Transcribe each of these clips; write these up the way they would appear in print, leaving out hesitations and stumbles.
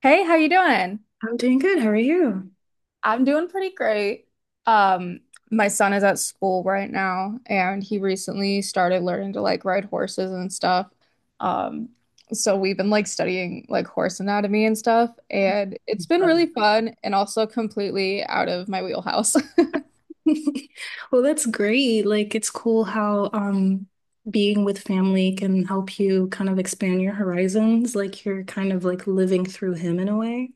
Hey, how you doing? I'm doing good. How are you? I'm doing pretty great. Um, my son is at school right now, and he recently started learning to like ride horses and stuff. Um, so we've been like studying like horse anatomy and stuff, and it's been really fun and also completely out of my wheelhouse. Well, that's great. Like, it's cool how being with family can help you kind of expand your horizons. Like, you're kind of like living through him in a way.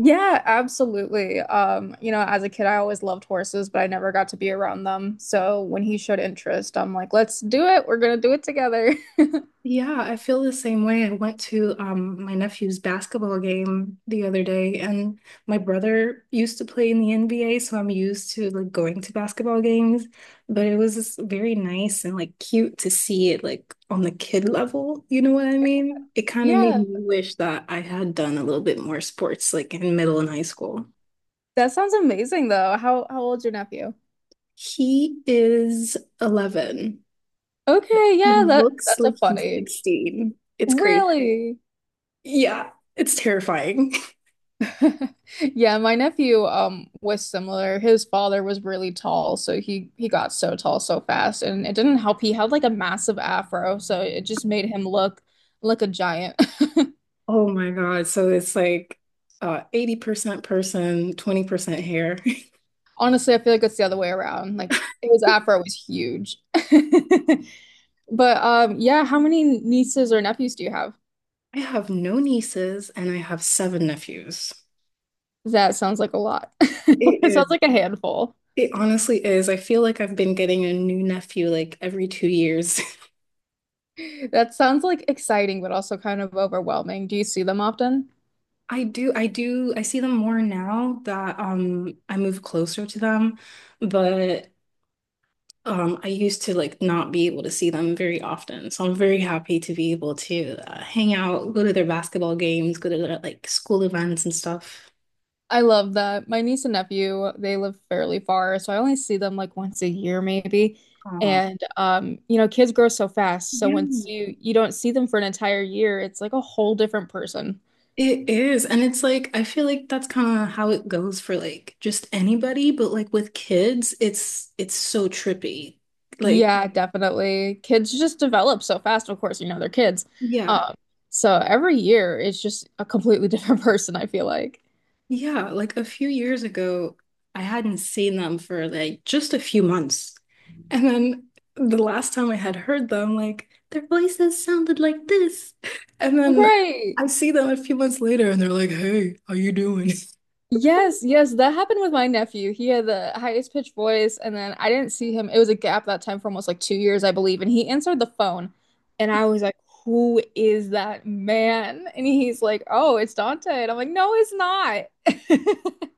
Yeah, absolutely. As a kid, I always loved horses, but I never got to be around them. So when he showed interest, I'm like, let's do it. We're gonna do it together. Yeah, I feel the same way. I went to my nephew's basketball game the other day, and my brother used to play in the NBA, so I'm used to like going to basketball games. But it was just very nice and like cute to see it like on the kid level. You know what I mean? It kind of made Yeah. me wish that I had done a little bit more sports like in middle and high school. That sounds amazing though. How old's your nephew? He is 11. Okay, He yeah, that looks that's a like fun he's age. 16. It's crazy. Really? Yeah, it's terrifying. Yeah, my nephew was similar. His father was really tall, so he got so tall so fast and it didn't help. He had like a massive afro, so it just made him look like a giant. Oh my God. So it's like 80% person, 20% hair. Honestly, I feel like it's the other way around. Like his afro was huge. But yeah, how many nieces or nephews do you have? I have no nieces and I have seven nephews. That sounds like a lot. It It is. sounds like a handful. It honestly is. I feel like I've been getting a new nephew like every 2 years. That sounds like exciting, but also kind of overwhelming. Do you see them often? I do, I do, I see them more now that I move closer to them, but I used to like not be able to see them very often. So I'm very happy to be able to hang out, go to their basketball games, go to their like school events and stuff. I love that. My niece and nephew, they live fairly far, so I only see them like once a year maybe. Oh, And kids grow so fast, so once yeah, you don't see them for an entire year, it's like a whole different person. it is. And it's like, I feel like that's kind of how it goes for like just anybody, but like with kids, it's so trippy. Like, Yeah, definitely. Kids just develop so fast, of course, you know, they're kids. yeah. Um, so every year it's just a completely different person, I feel like. Yeah, like a few years ago, I hadn't seen them for like just a few months. And then the last time I had heard them, like their voices sounded like this. And then Right. I see them a few months later and they're like, "Hey, how you doing?" Yes, yes, that happened with my nephew. He had the highest pitched voice, and then I didn't see him. It was a gap that time for almost like 2 years, I believe. And he answered the phone, and I was like, "Who is that man?" And he's like, "Oh, it's Dante." And I'm like, "No, it's not."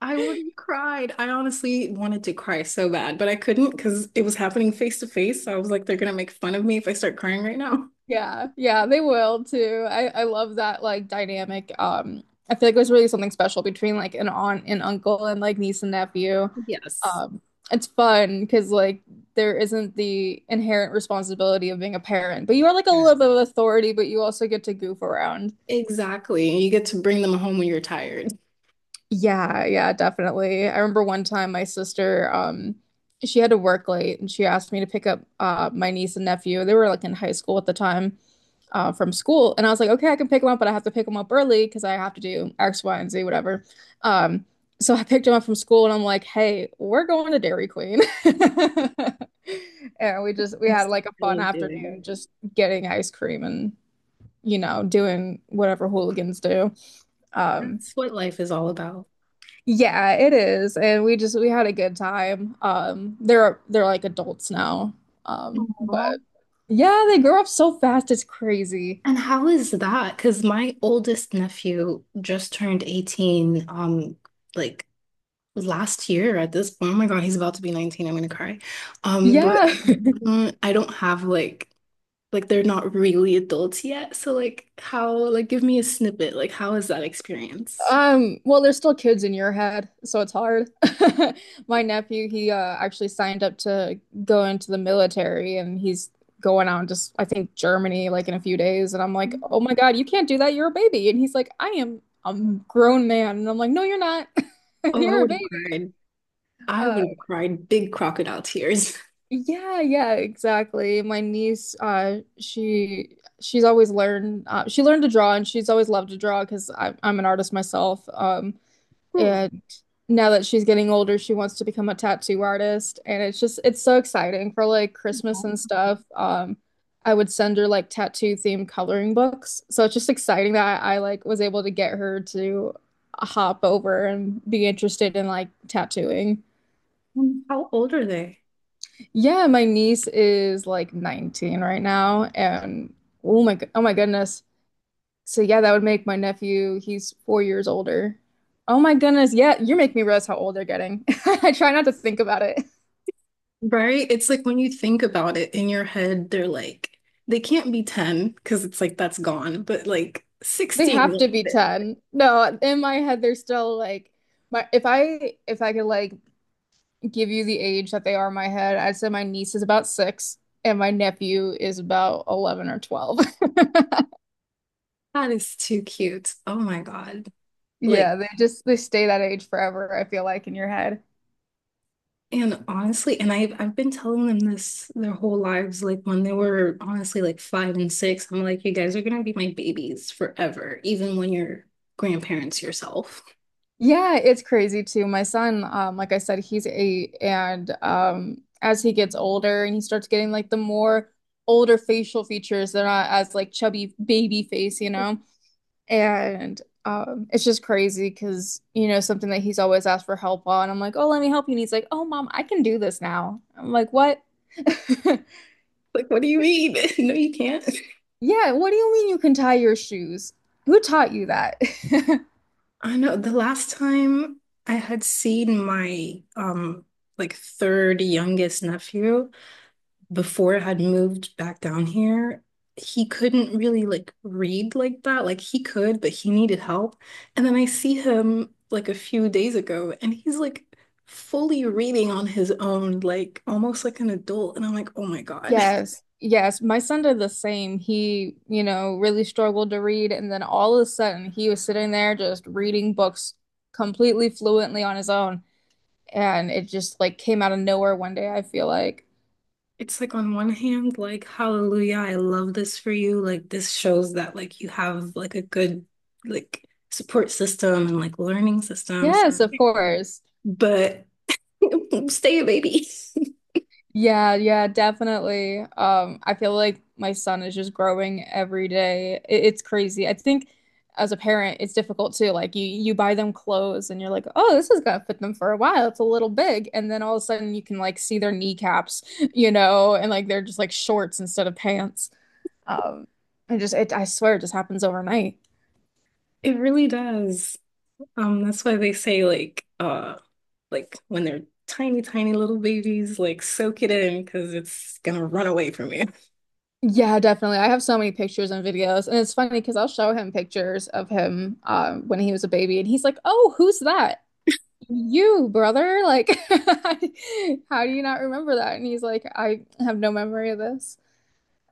I would have cried. I honestly wanted to cry so bad, but I couldn't because it was happening face to face. So I was like, they're gonna make fun of me if I start crying right now. Yeah, yeah, they will too. I love that like dynamic. I feel like it was really something special between like an aunt and uncle and like niece and nephew. Yes. Um, it's fun because like there isn't the inherent responsibility of being a parent, but you are like a Yeah. little bit of authority, but you also get to goof around. Exactly. And you get to bring them home when you're tired. Yeah, yeah, definitely. I remember one time my sister, she had to work late and she asked me to pick up my niece and nephew. They were like in high school at the time, from school. And I was like, okay, I can pick them up, but I have to pick them up early because I have to do X, Y, and Z, whatever. Um, so I picked them up from school and I'm like, hey, we're going to Dairy Queen. And we That's had what like a I fun love doing. afternoon just getting ice cream and, doing whatever hooligans do. Um That's what life is all about. yeah, it is. And we had a good time. They're like adults now. Aw. But yeah, they grow up so fast it's crazy. And how is that? Because my oldest nephew just turned 18, like last year at this point. Oh my God, he's about to be 19. I'm gonna cry. But Yeah. I don't have like they're not really adults yet. So like how like give me a snippet. Like how is that experience? Well, they're still kids in your head, so it's hard. My nephew, he actually signed up to go into the military and he's going out just I think Germany like in a few days and I'm like, "Oh my God, you can't do that. You're a baby." And he's like, "I am a grown man." And I'm like, "No, you're not. Oh, I You're a would have baby." cried. I would Uh have cried big crocodile tears. Yeah, yeah, exactly. My niece, she's always learned she learned to draw and she's always loved to draw because I'm an artist myself. Ooh, And now that she's getting older, she wants to become a tattoo artist, and it's just it's so exciting for like Christmas and stuff. I would send her like tattoo themed coloring books, so it's just exciting that I like was able to get her to hop over and be interested in like tattooing. how old are they? Yeah, my niece is like 19 right now, and oh my goodness. So yeah, that would make my nephew, he's 4 years older. Oh my goodness, yeah, you're making me realize how old they're getting. I try not to think about it. Right? It's like when you think about it in your head, they're like, they can't be 10 because it's like that's gone, but like They 16, have like to be that 10. No, in my head, they're still like my if I could like give you the age that they are in my head, I'd say my niece is about 6 and my nephew is about 11 or 12. that is too cute. Oh my God. Like, Yeah, they stay that age forever, I feel like in your head. and honestly, and I've been telling them this their whole lives, like when they were honestly like five and six, I'm like, you guys are gonna be my babies forever, even when you're grandparents yourself. Yeah, it's crazy too. My son, like I said, he's 8, and as he gets older and he starts getting like the more older facial features, they're not as like chubby baby face, you know? And it's just crazy because, something that he's always asked for help on. I'm like, oh, let me help you. And he's like, oh, mom, I can do this now. I'm like, what? Like, what do you mean? No, you can't. Yeah, what do you mean you can tie your shoes? Who taught you that? I know the last time I had seen my like third youngest nephew before I had moved back down here, he couldn't really like read like that. Like he could, but he needed help. And then I see him like a few days ago and he's like fully reading on his own, like almost like an adult. And I'm like, oh my God. Yes, yes. My son did the same. He, really struggled to read, and then all of a sudden he was sitting there just reading books completely fluently on his own. And it just like came out of nowhere one day, I feel like. It's like on one hand, like, hallelujah, I love this for you. Like this shows that like you have like a good like support system and like learning systems. Yes, of course. But stay a baby. Yeah, yeah, definitely. I feel like my son is just growing every day. It's crazy. I think as a parent, it's difficult too. Like you buy them clothes and you're like, "Oh, this is gonna fit them for a while. It's a little big." And then all of a sudden you can like see their kneecaps, and like they're just like shorts instead of pants. Um, and just it, I swear it just happens overnight. It really does. That's why they say like when they're tiny, tiny little babies, like soak it in because it's gonna run away from you. Yeah, definitely. I have so many pictures and videos, and it's funny because I'll show him pictures of him when he was a baby, and he's like, "Oh, who's that?" You, brother, like, how do you not remember that? And he's like, I have no memory of this.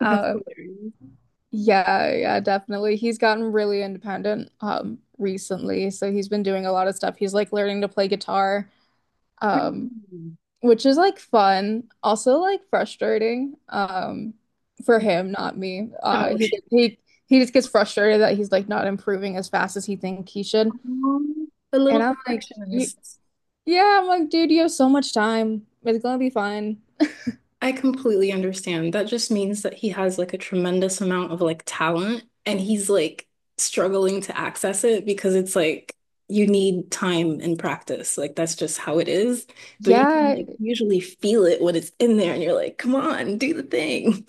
That's Um, hilarious. yeah, yeah, definitely. He's gotten really independent, recently. So he's been doing a lot of stuff. He's like learning to play guitar, um, Really? which is like fun, also like frustrating, for him, not me. Oh, he okay. get- he he just gets frustrated that he's like not improving as fast as he think he should. A And little I'm like, perfectionist. Yeah, I'm like, dude, you have so much time. It's gonna be fine. I completely understand. That just means that he has like a tremendous amount of like talent and he's like struggling to access it because it's like you need time and practice. Like that's just how it is. But you can Yeah, like usually feel it when it's in there and you're like, come on, do the thing.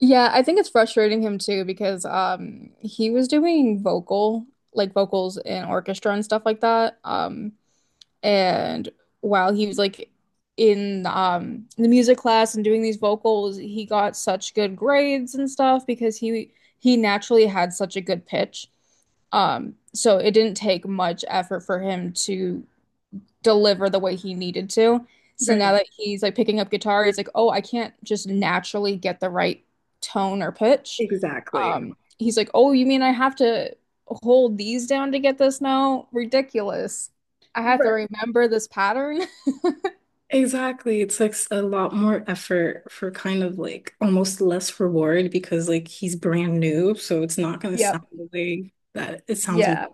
yeah, I think it's frustrating him too because he was doing like vocals in orchestra and stuff like that. And while he was like in the music class and doing these vocals, he got such good grades and stuff because he naturally had such a good pitch. So it didn't take much effort for him to deliver the way he needed to. So now Right. that he's like picking up guitar, he's like, "Oh, I can't just naturally get the right tone or pitch." Exactly. He's like, "Oh, you mean I have to hold these down to get this Now Ridiculous. I have to Right. remember this pattern." Exactly. It takes a lot more effort for kind of like almost less reward because like he's brand new, so it's not gonna sound Yep. the way that it sounds when Yeah.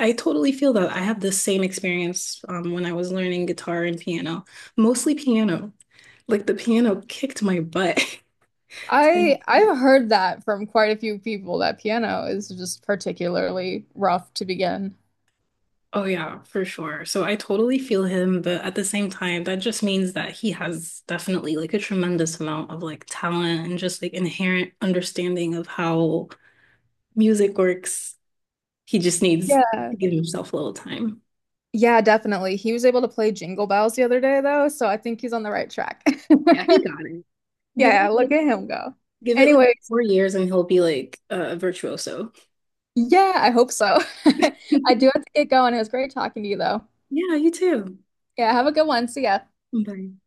I totally feel that. I had the same experience when I was learning guitar and piano, mostly piano. Like the piano kicked my butt. I I've heard that from quite a few people that piano is just particularly rough to begin. Oh yeah, for sure. So I totally feel him, but at the same time, that just means that he has definitely like a tremendous amount of like talent and just like inherent understanding of how music works. He just needs Yeah. to give himself a little time. Yeah, definitely. He was able to play Jingle Bells the other day though, so I think he's on the right track. Yeah, he got it. Yeah, Give yeah, it look like at him go. give it like Anyways, 4 years and he'll be like a virtuoso. yeah, I hope so. Yeah, I do have to get going. It was great talking to you, though. you too. Yeah, have a good one. See ya. Bye.